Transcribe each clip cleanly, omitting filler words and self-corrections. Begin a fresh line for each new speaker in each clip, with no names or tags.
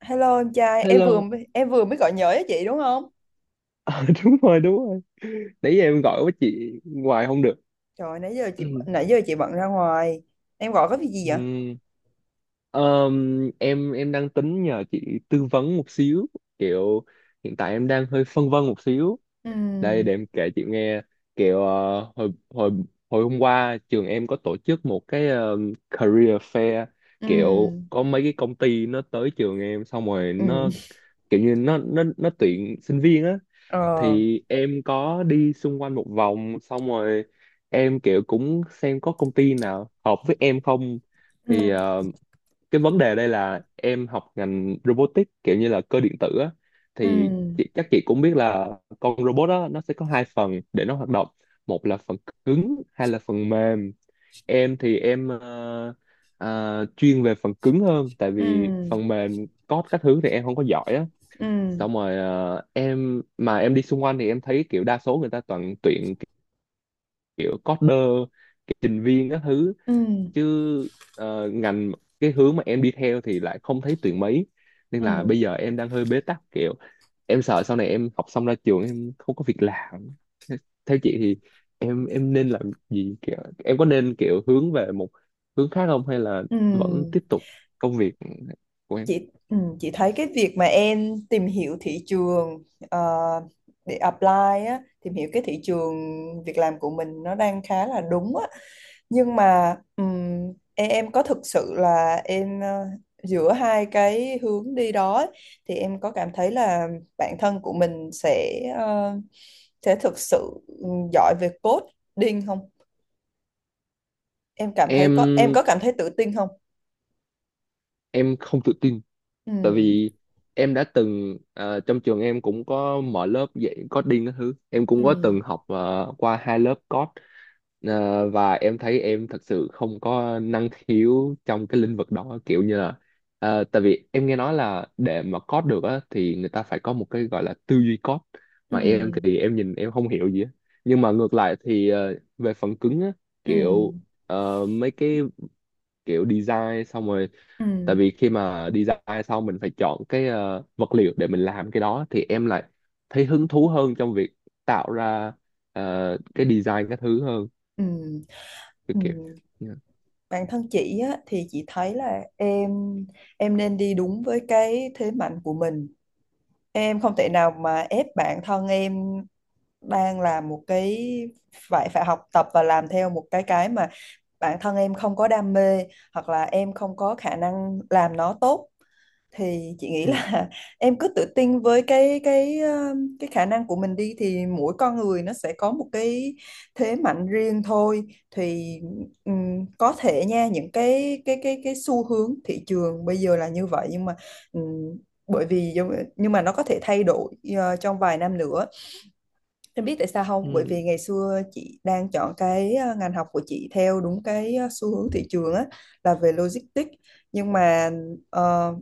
Hello em trai, em vừa
Hello.
em vừa mới gọi nhớ cho chị đúng không?
Ờ, đúng rồi, đúng rồi, nãy giờ em gọi với chị hoài không được.
Trời, nãy giờ chị nãy giờ chị bận ra ngoài. Em gọi có việc gì vậy?
Ừm, em đang tính nhờ chị tư vấn một xíu, kiểu hiện tại em đang hơi phân vân một xíu. Đây
Ừ,
để em kể chị nghe. Kiểu hồi hồi hồi hôm qua trường em có tổ chức một cái career fair,
ừ,
kiểu có mấy cái công ty nó tới trường em, xong rồi
ừ,
nó kiểu như nó tuyển sinh viên á.
ờ,
Thì em có đi xung quanh một vòng, xong rồi em kiểu cũng xem có công ty nào hợp với em không.
ừ,
Thì cái vấn đề đây là em học ngành robotics, kiểu như là cơ điện tử á. Thì
ừ,
chị, chắc chị cũng biết là con robot đó nó sẽ có hai phần để nó hoạt động, một là phần cứng hay là phần mềm. Em thì chuyên về phần cứng hơn, tại vì
ừ,
phần mềm code các thứ thì em không có giỏi á.
ừ,
Xong rồi em mà em đi xung quanh thì em thấy kiểu đa số người ta toàn tuyển kiểu coder, kiểu trình viên các thứ,
ừ,
chứ ờ, ngành cái hướng mà em đi theo thì lại không thấy tuyển mấy. Nên là
ừ,
bây giờ em đang hơi bế tắc, kiểu em sợ sau này em học xong ra trường em không có việc làm. Thế- Theo chị thì em nên làm gì, kiểu em có nên kiểu hướng về một hướng khác không, hay là
ừ.
vẫn tiếp tục công việc của em?
Chị thấy cái việc mà em tìm hiểu thị trường, ờ, để apply á, tìm hiểu cái thị trường việc làm của mình nó đang khá là đúng á. Nhưng mà em có thực sự là giữa hai cái hướng đi đó ấy, thì em có cảm thấy là bản thân của mình sẽ sẽ thực sự giỏi về coding không? Em cảm thấy có em
em
có cảm thấy tự tin không?
em không tự tin, tại
Ừm,
vì em đã từng, trong trường em cũng có mở lớp dạy coding các thứ, em cũng có từng
ừm,
học qua hai lớp code. Ờ, và em thấy em thật sự không có năng khiếu trong cái lĩnh vực đó, kiểu như là tại vì em nghe nói là để mà code được á thì người ta phải có một cái gọi là tư duy code, mà em
ừm,
thì em nhìn em không hiểu gì á. Nhưng mà ngược lại thì về phần cứng á, kiểu
ừm,
mấy cái kiểu design xong rồi, tại
ừm,
vì khi mà design xong mình phải chọn cái vật liệu để mình làm cái đó, thì em lại thấy hứng thú hơn trong việc tạo ra cái design các thứ hơn,
ừm,
kiểu kiểu.
ừm.
Dạ.
Bản thân chị á, thì chị thấy là em nên đi đúng với cái thế mạnh của mình. Em không thể nào mà ép bản thân em đang làm một cái, phải phải học tập và làm theo một cái mà bản thân em không có đam mê hoặc là em không có khả năng làm nó tốt, thì chị nghĩ
Ừ.
là em cứ tự tin với cái khả năng của mình đi. Thì mỗi con người nó sẽ có một cái thế mạnh riêng thôi. Thì có thể nha, những cái xu hướng thị trường bây giờ là như vậy, nhưng mà ừm, bởi vì nó có thể thay đổi trong vài năm nữa. Em biết tại sao không? Bởi vì ngày
Ừ.
xưa chị đang chọn cái ngành học của chị theo đúng cái xu hướng thị trường á, là về logistics. Nhưng mà ờ,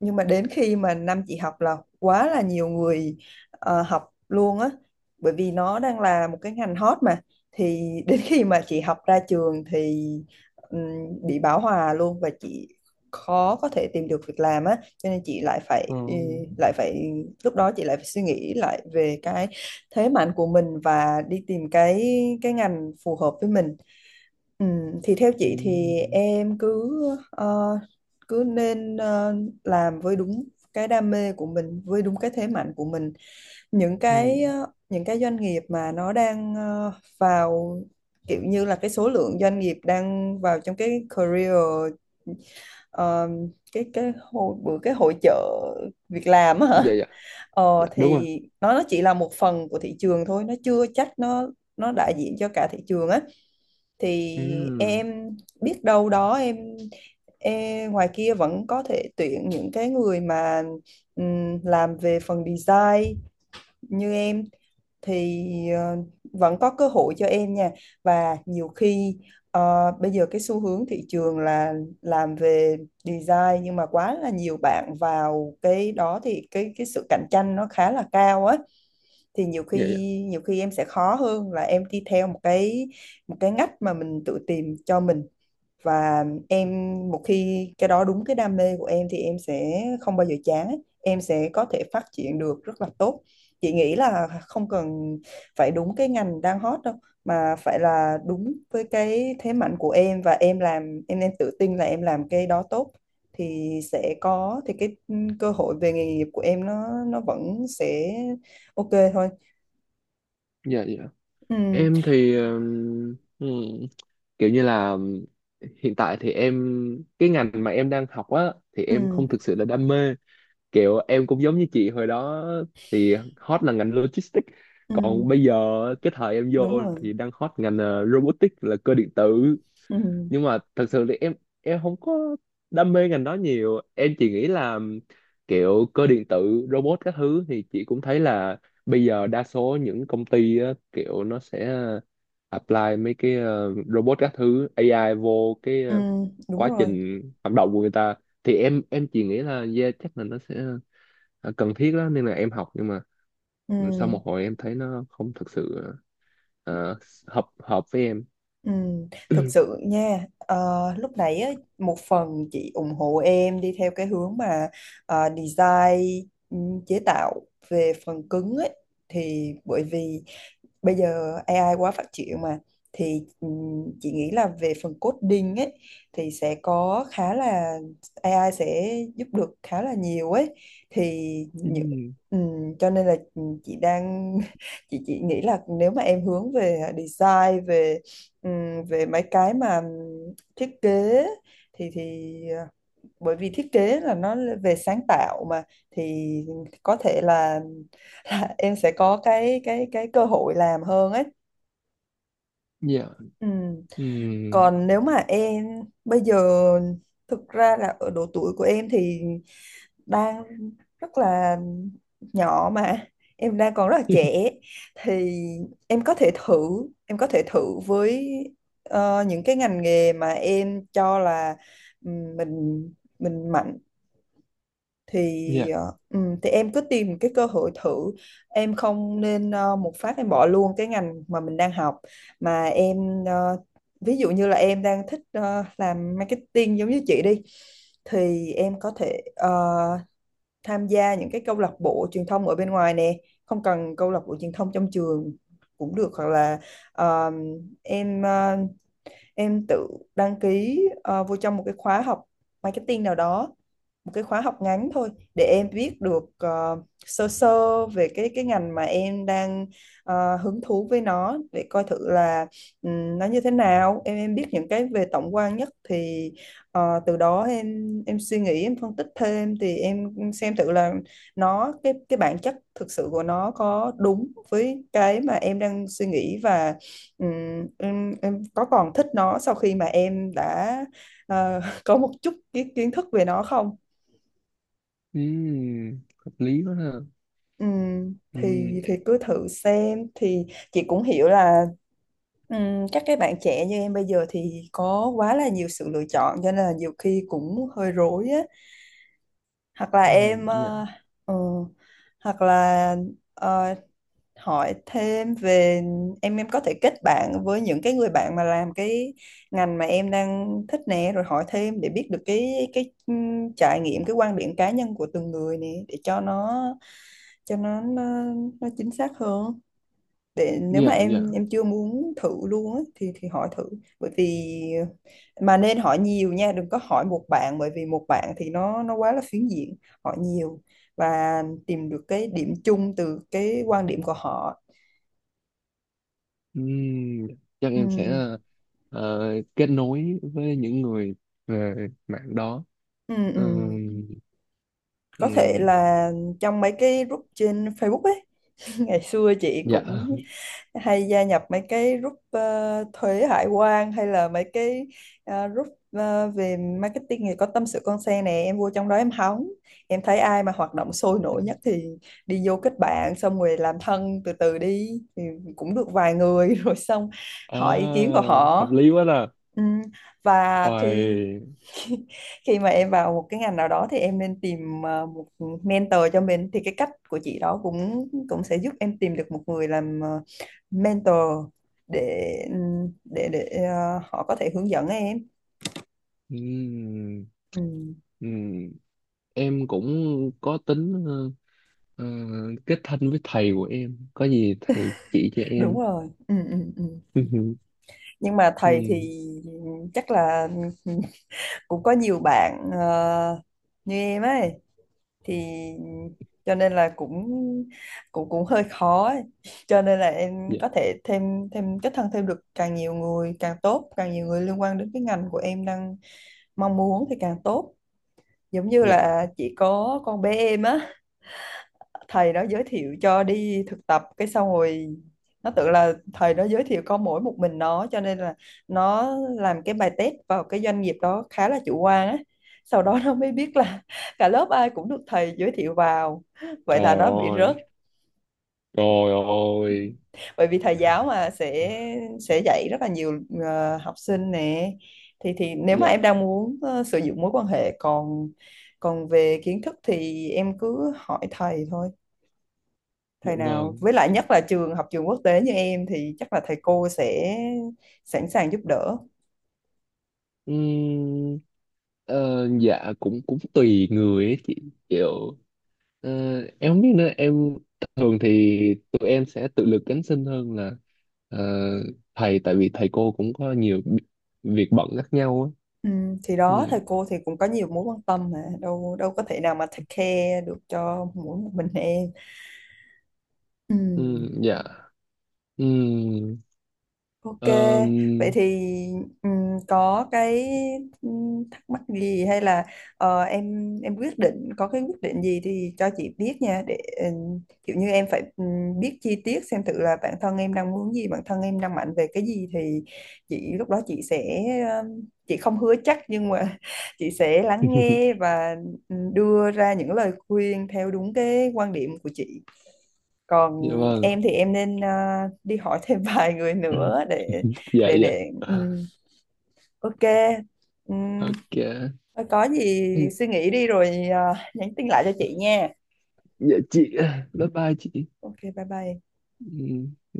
đến khi mà năm chị học là quá là nhiều người học luôn á, bởi vì nó đang là một cái ngành hot mà. Thì đến khi mà chị học ra trường thì bị bão hòa luôn, và chị khó có thể tìm được việc làm á, cho nên chị lại phải,
Ờ.
lại phải lúc đó chị lại phải suy nghĩ lại về cái thế mạnh của mình và đi tìm cái ngành phù hợp với mình. Ừ, thì theo
Ừ.
chị thì em cứ ờ, cứ nên ờ, làm với đúng cái đam mê của mình, với đúng cái thế mạnh của mình. Những
Ừ.
những cái doanh nghiệp mà nó đang vào, kiểu như là cái số lượng doanh nghiệp đang vào trong cái career, ờ, cái hội bữa cái hội chợ việc làm á
Dạ.
hả?
Dạ.
Ờ,
Dạ, đúng rồi.
thì nó chỉ là một phần của thị trường thôi, nó chưa chắc nó đại diện cho cả thị trường á. Thì
Ừ.
em biết đâu đó, em ngoài kia vẫn có thể tuyển những cái người mà làm về phần design như em, thì vẫn có cơ hội cho em nha. Và nhiều khi bây giờ cái xu hướng thị trường là làm về design, nhưng mà quá là nhiều bạn vào cái đó, thì cái sự cạnh tranh nó khá là cao á. Thì nhiều khi
Dạ. Dạ.
nhiều khi em sẽ khó hơn là em đi theo một cái ngách mà mình tự tìm cho mình. Và em, một khi cái đó đúng cái đam mê của em thì em sẽ không bao giờ chán ấy. Em sẽ có thể phát triển được rất là tốt. Chị nghĩ là không cần phải đúng cái ngành đang hot đâu, mà phải là đúng với cái thế mạnh của em, và em làm em nên tự tin là em làm cái đó tốt, thì sẽ có thì cái cơ hội về nghề nghiệp của em nó vẫn sẽ ok thôi.
Dạ. Dạ.
Ừ,
Em thì ừ, kiểu như là hiện tại thì em, cái ngành mà em đang học á, thì em
ừ,
không thực sự là đam mê. Kiểu em cũng giống như chị hồi đó thì hot là ngành logistics,
ừ,
còn bây giờ cái thời em vô
đúng rồi
thì đang hot ngành robotics là cơ điện tử.
ừ,
Nhưng mà thật sự thì em không có đam mê ngành đó nhiều, em chỉ nghĩ là kiểu cơ điện tử robot các thứ thì chị cũng thấy là bây giờ đa số những công ty á, kiểu nó sẽ apply mấy cái robot các thứ AI vô cái
ừ, đúng
quá
rồi
trình hoạt động của người ta. Thì em chỉ nghĩ là yeah, chắc là nó sẽ cần thiết đó, nên là em học. Nhưng mà sau
ừ.
một hồi em thấy nó không thực sự ờ, hợp hợp với em.
Ừ, thực sự nha, lúc nãy á, một phần chị ủng hộ em đi theo cái hướng mà design, ừ, chế tạo về phần cứng ấy, thì bởi vì bây giờ AI quá phát triển mà. Thì chị nghĩ là về phần coding ấy thì sẽ có khá là, AI sẽ giúp được khá là nhiều ấy. Thì những
Ừm,
cho nên là chị đang chị nghĩ là nếu mà em hướng về design, về về mấy cái mà thiết kế, thì bởi vì thiết kế là nó về sáng tạo mà, thì có thể là em sẽ có cái cơ hội làm hơn ấy.
dạ.
Ừ.
Ừm,
Còn nếu mà em bây giờ, thực ra là ở độ tuổi của em thì đang rất là nhỏ mà, em đang còn rất là trẻ, thì em có thể thử em có thể thử với những cái ngành nghề mà em cho là ừ, mình mình mạnh, thì
dạ.
thì em cứ tìm cái cơ hội thử. Em không nên một phát em bỏ luôn cái ngành mà mình đang học, mà em ví dụ như là em đang thích làm marketing giống như chị đi, thì em có thể tham gia những cái câu lạc bộ truyền thông ở bên ngoài nè, không cần câu lạc bộ truyền thông trong trường cũng được, hoặc là ờ, em ờ, em tự đăng ký vô trong một cái khóa học marketing nào đó, một cái khóa học ngắn thôi, để em biết được sơ sơ về cái ngành mà em đang hứng thú với nó, để coi thử là nó như thế nào, em biết những cái về tổng quan nhất. Thì từ đó em suy nghĩ, em phân tích thêm, thì em xem thử là nó, cái bản chất thực sự của nó có đúng với cái mà em đang suy nghĩ, và em có còn thích nó sau khi mà em đã có một chút kiến kiến thức về nó không.
Hợp lý quá ha. Ừm,
Thì thì cứ thử xem thì chị cũng hiểu là các cái bạn trẻ như em bây giờ thì có quá là nhiều sự lựa chọn, cho nên là nhiều khi cũng hơi rối á. Hoặc là em,
dạ
ừ, hoặc là ờ, hỏi thêm về, em có thể kết bạn với những cái người bạn mà làm cái ngành mà em đang thích nè, rồi hỏi thêm để biết được cái trải nghiệm, cái quan điểm cá nhân của từng người nè, để cho nó, cho nó nó, nó chính xác hơn. Để nếu mà
dạ dạ.
em chưa muốn thử luôn á, thì hỏi thử. Bởi vì mà nên hỏi nhiều nha, đừng có hỏi một bạn, bởi vì một bạn thì nó quá là phiến diện. Hỏi nhiều và tìm được cái điểm chung từ cái quan điểm của họ.
Ừm, chắc
Ừ,
em sẽ ờ, kết nối với những người về mạng đó.
ừ.
Ừm,
Có thể
ừm,
là trong mấy cái group trên Facebook ấy. Ngày xưa chị
dạ.
cũng hay gia nhập mấy cái group thuế hải quan, hay là mấy cái group về marketing thì có tâm sự con xe nè, em vô trong đó em hóng, em thấy ai mà hoạt động sôi nổi nhất thì đi vô kết bạn, xong rồi làm thân từ từ đi, thì cũng được vài người rồi xong hỏi ý kiến của
Oh,
họ.
hợp lý quá là.
Ừ. Và khi
Ôi,
khi, khi mà em vào một cái ngành nào đó thì em nên tìm một mentor cho mình. Thì cái cách của chị đó cũng cũng sẽ giúp em tìm được một người làm mentor để để để họ có thể hướng dẫn em.
ừm,
ừ,
ừm. Em cũng có tính ờ, kết thân với thầy của em, có gì thầy chỉ cho
đúng
em.
rồi ừ, ừ, ừ. Nhưng mà thầy thì
Ừ,
chắc là cũng có nhiều bạn như em ấy, thì cho nên là cũng cũng cũng hơi khó ấy. Cho nên là em
dạ
có thể thêm thêm kết thân thêm được càng nhiều người càng tốt, càng nhiều người liên quan đến cái ngành của em đang mong muốn thì càng tốt. Giống như
dạ.
là chỉ có con bé em á, thầy đó giới thiệu cho đi thực tập, cái xong rồi nó tưởng là thầy đó giới thiệu có mỗi một mình nó, cho nên là nó làm cái bài test vào cái doanh nghiệp đó khá là chủ quan á. Sau đó nó mới biết là cả lớp ai cũng được thầy giới thiệu vào, vậy là
Trời
nó bị
ơi.
rớt.
Trời ơi.
Bởi vì thầy giáo mà sẽ dạy rất là nhiều học sinh nè, thì nếu mà
Dạ.
em đang muốn sử dụng mối quan hệ. Còn còn về kiến thức thì em cứ hỏi thầy thôi,
Dạ
thầy nào
vâng.
với lại nhất là trường học, trường quốc tế như em thì chắc là thầy cô sẽ sẵn sàng giúp đỡ.
Ừm, dạ cũng cũng tùy người ấy chị, kiểu ờ, em không biết nữa, em thường thì tụi em sẽ tự lực cánh sinh hơn là ờ, thầy, tại vì thầy cô cũng có nhiều việc bận khác nhau á.
Ừ, thì đó,
Ừ.
thầy cô thì cũng có nhiều mối quan tâm mà, đâu đâu có thể nào mà take care được cho mỗi một mình em. Ừ.
Ừ, dạ. Ừ,
Ok, vậy
ờm,
thì có cái thắc mắc gì, hay là em quyết định, có cái quyết định gì thì cho chị biết nha, để kiểu như em phải biết chi tiết, xem thử là bản thân em đang muốn gì, bản thân em đang mạnh về cái gì, thì chị lúc đó sẽ chị không hứa chắc, nhưng mà chị sẽ lắng nghe và đưa ra những lời khuyên theo đúng cái quan điểm của chị. Còn
dạ vâng.
em thì em nên đi hỏi thêm vài người nữa để
Dạ,
để
dạ.
để ừm, ok. Ừm,
Ok.
có gì suy nghĩ đi rồi nhắn tin lại cho chị nha.
Dạ chị, bye bye chị.
Ok, bye bye.
Ừ.